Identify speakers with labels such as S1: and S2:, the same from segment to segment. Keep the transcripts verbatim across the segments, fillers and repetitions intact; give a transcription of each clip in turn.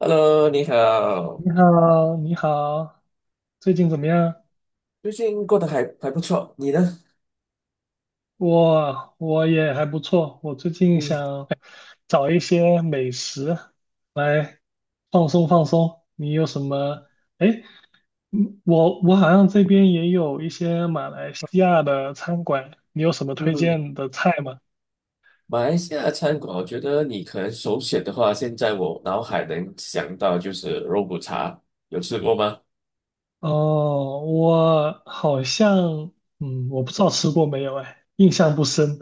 S1: Hello，你好，
S2: 你好，你好，最近怎么样？
S1: 最近过得还还不错，你呢？
S2: 我我也还不错，我最近
S1: 嗯
S2: 想找一些美食来放松放松。你有什么？哎，嗯我我好像这边也有一些马来西亚的餐馆，你有什么推
S1: 嗯，
S2: 荐的菜吗？
S1: 马来西亚的餐馆，我觉得你可能首选的话，现在我脑海能想到就是肉骨茶，有吃过吗？
S2: 哦，我好像，嗯，我不知道吃过没有，哎，印象不深。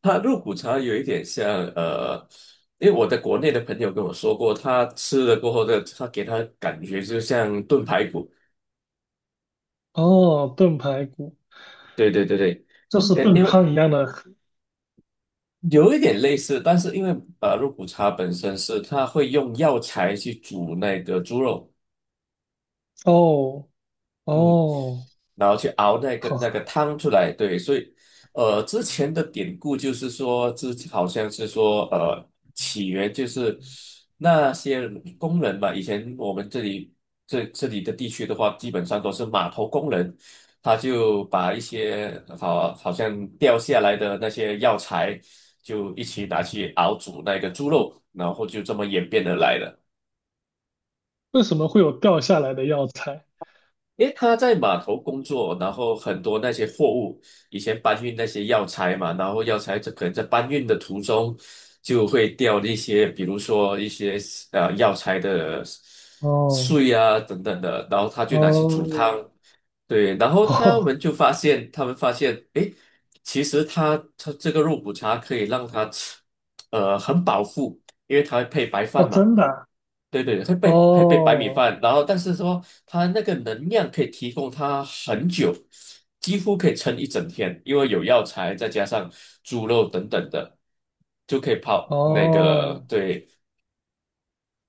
S1: 它肉骨茶有一点像，呃，因为我在国内的朋友跟我说过，他吃了过后的，他给他感觉就像炖排骨。
S2: 哦，炖排骨，
S1: 对对对对，
S2: 就是
S1: 呃，
S2: 炖
S1: 因为
S2: 汤一样的。
S1: 有一点类似，但是因为呃，肉骨茶本身是它会用药材去煮那个猪肉。
S2: 哦，
S1: 嗯。
S2: 哦，
S1: 然后去熬那个那个
S2: 好，
S1: 汤出来。对，所以呃，之前的典故就是说，之好像是说呃，起源就是那些工人嘛，以前我们这里，这这里的地区的话，基本上都是码头工人。他就把一些好好像掉下来的那些药材，就一起拿去熬煮那个猪肉，然后就这么演变而来的。
S2: 为什么会有掉下来的药材？
S1: 因为他在码头工作，然后很多那些货物，以前搬运那些药材嘛，然后药材这可能在搬运的途中就会掉那些，比如说一些呃药材的
S2: 哦，
S1: 碎啊等等的，然后他就拿去煮汤。
S2: 哦，
S1: 对，然后他
S2: 哦，
S1: 们就发现，他们发现，诶，其实他他这个肉骨茶可以让他吃，呃，很饱腹，因为它会配白饭
S2: 哦，
S1: 嘛。
S2: 真的啊。
S1: 对对，会被会被白米
S2: 哦，
S1: 饭，然后但是说它那个能量可以提供它很久，几乎可以撑一整天，因为有药材再加上猪肉等等的，就可以泡那
S2: 哦，
S1: 个。对，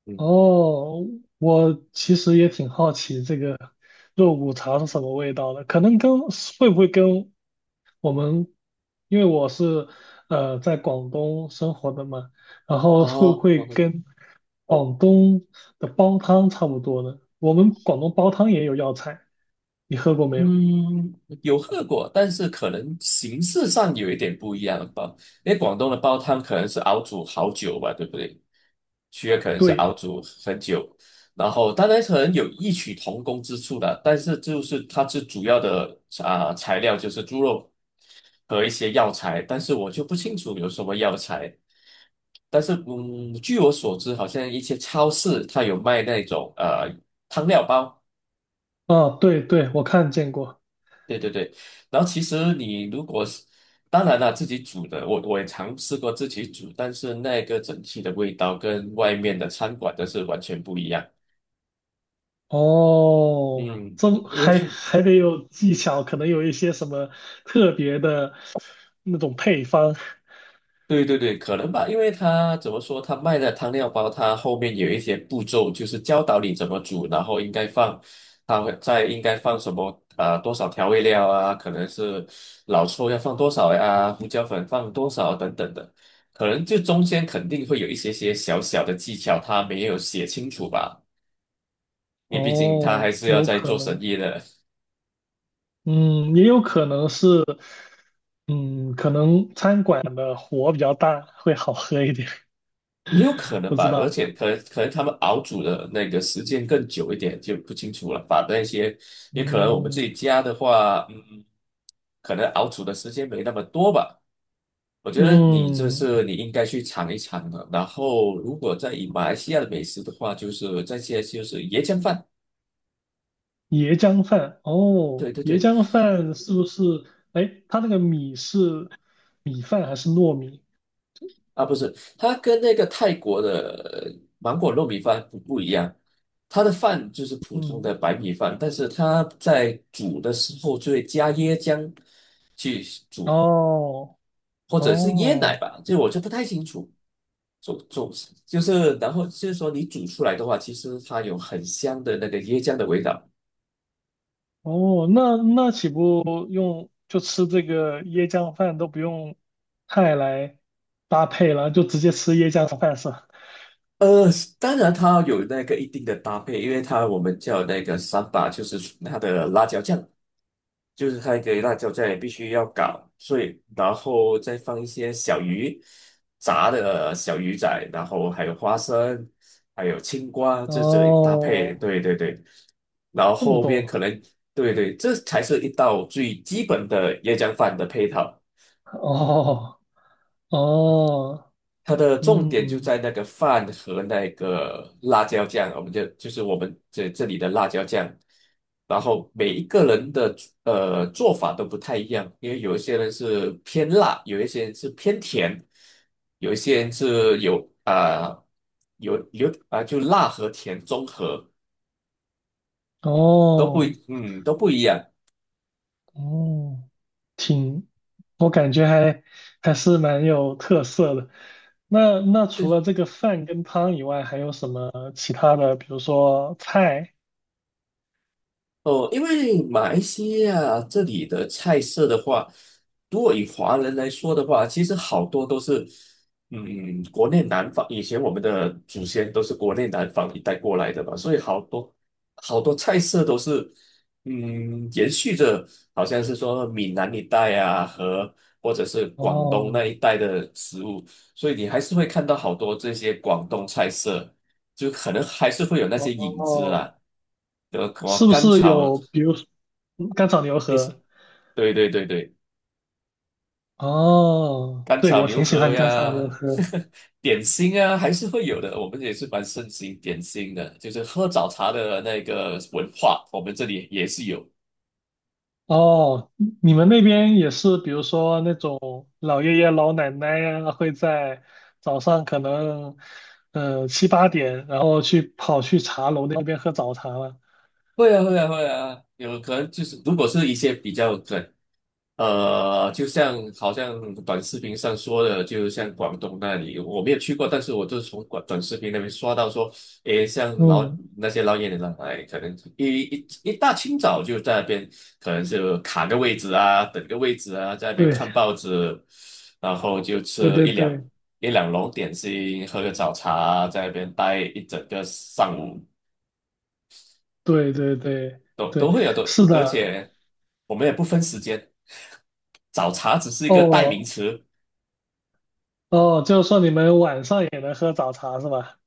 S1: 嗯，
S2: 哦，我其实也挺好奇这个肉骨茶是什么味道的，可能跟会不会跟我们，因为我是呃在广东生活的嘛，然后会不
S1: 哦，
S2: 会跟广东的煲汤差不多呢？我们广东煲汤也有药材，你喝过没有？
S1: 嗯，有喝过，但是可能形式上有一点不一样吧。因为广东的煲汤可能是熬煮好久吧，对不对？区要可能是熬
S2: 对。
S1: 煮很久，然后当然可能有异曲同工之处的，但是就是它最主要的啊、材料就是猪肉和一些药材，但是我就不清楚有什么药材。但是嗯，据我所知，好像一些超市它有卖那种呃汤料包。
S2: 哦，对对，我看见过。
S1: 对对对，然后其实你如果是，当然了，自己煮的，我我也尝试过自己煮，但是那个整体的味道跟外面的餐馆的是完全不一样。
S2: 哦，
S1: 嗯，
S2: 这
S1: 因为
S2: 还
S1: 它
S2: 还得有技巧，可能有一些什么特别的那种配方。
S1: 对对对，可能吧，因为他怎么说，他卖的汤料包，他后面有一些步骤，就是教导你怎么煮，然后应该放，他会在应该放什么啊、呃多少调味料啊，可能是老抽要放多少呀、胡椒粉放多少等等的，可能就中间肯定会有一些些小小的技巧，他没有写清楚吧，因为毕竟他还
S2: 哦，
S1: 是要
S2: 有
S1: 在
S2: 可
S1: 做生
S2: 能，
S1: 意的。
S2: 嗯，也有可能是，嗯，可能餐馆的火比较大，会好喝一点，
S1: 也有可 能
S2: 不知
S1: 吧，而
S2: 道。
S1: 且可能可能他们熬煮的那个时间更久一点，就不清楚了。把那些，也可能我们自己
S2: 嗯
S1: 家的话，嗯，可能熬煮的时间没那么多吧。我觉得你这
S2: 嗯，
S1: 是你应该去尝一尝的。然后，如果在以马来西亚的美食的话，就是这些，就是椰浆饭。
S2: 椰浆饭，
S1: 对
S2: 哦，
S1: 对
S2: 椰
S1: 对，
S2: 浆饭是不是？哎，它那个米是米饭还是糯米？
S1: 啊，不是，它跟那个泰国的呃芒果糯米饭不不一样，它的饭就是普通
S2: 嗯，
S1: 的白米饭，但是它在煮的时候就会加椰浆去煮，
S2: 哦。
S1: 或者是椰奶
S2: 哦
S1: 吧，这我就不太清楚。煮煮就是，然后就是说你煮出来的话，其实它有很香的那个椰浆的味道。
S2: 哦，那那岂不用就吃这个椰浆饭都不用菜来搭配了，就直接吃椰浆饭是吧？
S1: 呃，当然它有那个一定的搭配，因为它我们叫那个三把，就是它的辣椒酱。就是它给辣椒酱也必须要搞碎，然后再放一些小鱼，炸的呃小鱼仔，然后还有花生，还有青瓜，这这搭配，
S2: 哦，
S1: 对对对，然后
S2: 这么
S1: 后面可
S2: 多，
S1: 能，对对，这才是一道最基本的椰浆饭的配套。
S2: 哦哦，
S1: 它的重点就
S2: 嗯，
S1: 在那个饭和那个辣椒酱，我们就就是我们，这这里的辣椒酱，然后每一个人的呃做法都不太一样，因为有一些人是偏辣，有一些人是偏甜，有一些人是有啊、呃有有啊、就辣和甜综合，都不
S2: 哦
S1: 一嗯都不一样。
S2: 哦，挺，我感觉还还是蛮有特色的。那那除了这个饭跟汤以外，还有什么其他的？比如说菜？
S1: 哦，因为马来西亚这里的菜色的话，如果以华人来说的话，其实好多都是，嗯，国内南方，以前我们的祖先都是国内南方一带过来的嘛，所以好多好多菜色都是，嗯，延续着好像是说闽南一带啊和或者是广东
S2: 哦
S1: 那一带的食物，所以你还是会看到好多这些广东菜色，就可能还是会有那
S2: 哦
S1: 些影子
S2: 哦
S1: 啦。德什么
S2: 是不
S1: 甘
S2: 是
S1: 草，
S2: 有比如嗯干炒牛
S1: 类是，
S2: 河？
S1: 对对对对，
S2: 哦，
S1: 甘
S2: 对，
S1: 草
S2: 我
S1: 牛
S2: 挺喜
S1: 河
S2: 欢干草牛
S1: 呀，
S2: 河。
S1: 点心啊，还是会有的。我们也是蛮盛行点心的，就是喝早茶的那个文化，我们这里也是有。
S2: 哦，你们那边也是，比如说那种老爷爷老奶奶呀、会在早上可能呃七八点，然后去跑去茶楼那边喝早茶了。
S1: 会啊，会啊，会啊，有可能就是，如果是一些比较可呃，就像好像短视频上说的，就像广东那里，我没有去过，但是我就是从短短视频那边刷到说，诶，像老
S2: 嗯，
S1: 那些老演员来，哎可能一一一大清早就在那边，可能就卡个位置啊，等个位置啊，在那边
S2: 对，
S1: 看报纸，然后就
S2: 对
S1: 吃
S2: 对
S1: 一两
S2: 对
S1: 一两笼点心，喝个早茶啊，在那边待一整个上午。
S2: 对对对
S1: 都都
S2: 对，
S1: 会有都，
S2: 是
S1: 而
S2: 的。
S1: 且我们也不分时间，早茶只是一个代名
S2: 哦
S1: 词。
S2: 哦，就是说你们晚上也能喝早茶是吧？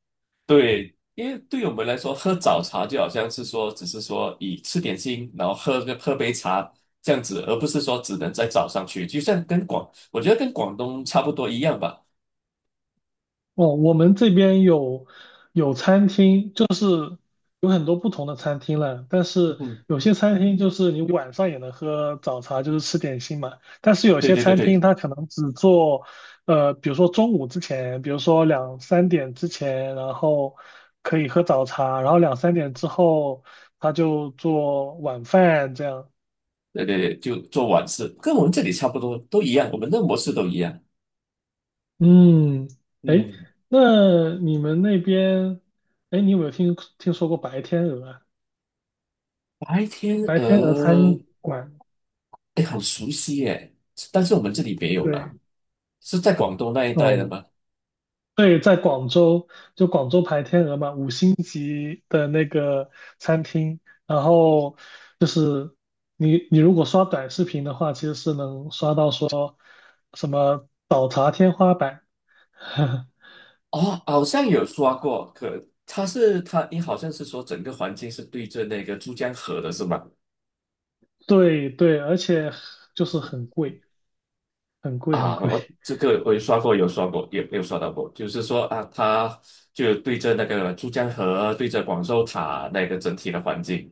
S1: 对，因为对我们来说，喝早茶就好像是说，只是说以吃点心，然后喝个喝杯茶这样子，而不是说只能在早上去，就像跟广，我觉得跟广东差不多一样吧。
S2: 哦，我们这边有有餐厅，就是有很多不同的餐厅了。但是
S1: 嗯，
S2: 有些餐厅就是你晚上也能喝早茶，就是吃点心嘛。但是有
S1: 对
S2: 些
S1: 对对
S2: 餐厅
S1: 对
S2: 它可能只做，呃，比如说中午之前，比如说两三点之前，然后可以喝早茶，然后两三点之后他就做晚饭这样。
S1: 对对对，就做晚市，跟我们这里差不多，都一样，我们的模式都一样。
S2: 嗯，哎，
S1: 嗯，
S2: 那你们那边，哎，你有没有听听说过白天鹅啊？
S1: 白天
S2: 白天鹅餐
S1: 鹅，
S2: 馆，
S1: 哎，很熟悉耶，但是我们这里没有
S2: 对，
S1: 啦。是在广东那一带的
S2: 哦，
S1: 吗？
S2: 对，在广州，就广州白天鹅嘛，五星级的那个餐厅，然后就是你你如果刷短视频的话，其实是能刷到说什么早茶天花板，
S1: 哦，好像有刷过，可他是他，你好像是说整个环境是对着那个珠江河的是吗？
S2: 对对，而且就是
S1: 是
S2: 很贵，很贵，很
S1: 啊，
S2: 贵，
S1: 我这个我有刷过，有刷过，也没有刷到过，就是说啊，他就对着那个珠江河，对着广州塔那个整体的环境，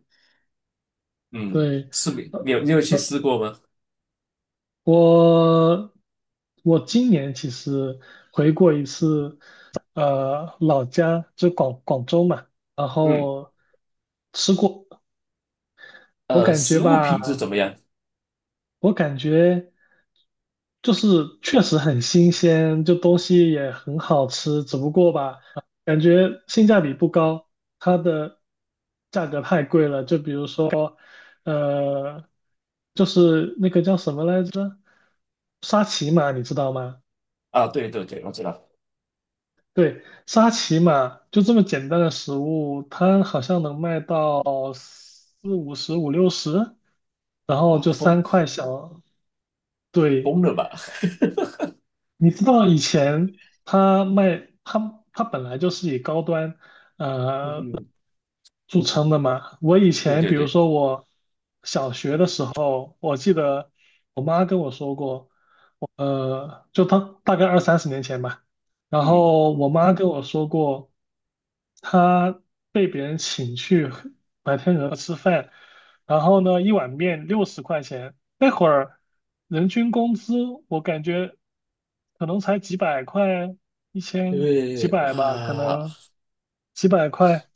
S1: 嗯，
S2: 对。
S1: 是没，你
S2: 呃
S1: 有你有去
S2: 呃
S1: 试过吗？
S2: 我我今年其实回过一次呃老家，就广广州嘛，然
S1: 嗯，
S2: 后吃过，我
S1: 呃，
S2: 感觉
S1: 食物品质怎
S2: 吧，
S1: 么样？
S2: 我感觉就是确实很新鲜，就东西也很好吃，只不过吧，感觉性价比不高，它的价格太贵了，就比如说，呃，就是那个叫什么来着，沙琪玛，你知道吗？
S1: 啊，对对对，我知道，
S2: 对，沙琪玛就这么简单的食物，它好像能卖到四五十、五六十，然后
S1: 哇，
S2: 就
S1: 疯
S2: 三块小。
S1: 疯
S2: 对，
S1: 了吧？
S2: 你知道以前它卖它它本来就是以高端
S1: 嗯，
S2: 著称的嘛。我以
S1: 对
S2: 前
S1: 对
S2: 比如
S1: 对，
S2: 说我小学的时候，我记得我妈跟我说过，呃，就当大概二三十年前吧。然
S1: 嗯。
S2: 后我妈跟我说过，她被别人请去白天鹅吃饭，然后呢，一碗面六十块钱，那会儿人均工资我感觉可能才几百块，一千几
S1: 对，
S2: 百吧，可
S1: 哇，
S2: 能几百块，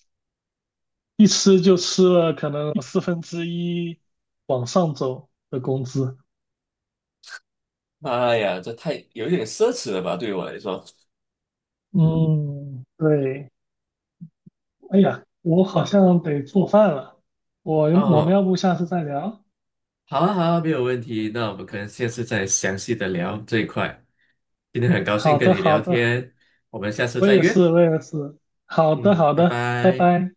S2: 一吃就吃了可能四分之一往上走的工资。
S1: 妈呀，这太有一点奢侈了吧，对于我来说。
S2: 嗯，对。哎呀，我好像得做饭了，我我们
S1: 哦，
S2: 要不下次再聊？
S1: 好啊，好啊，没有问题。那我们可能下次再详细的聊这一块。今天很高兴
S2: 好
S1: 跟
S2: 的，
S1: 你
S2: 好
S1: 聊
S2: 的，
S1: 天，我们下次
S2: 我
S1: 再
S2: 也
S1: 约。
S2: 是，我也是，好的，
S1: 嗯，
S2: 好
S1: 拜
S2: 的，拜
S1: 拜。
S2: 拜。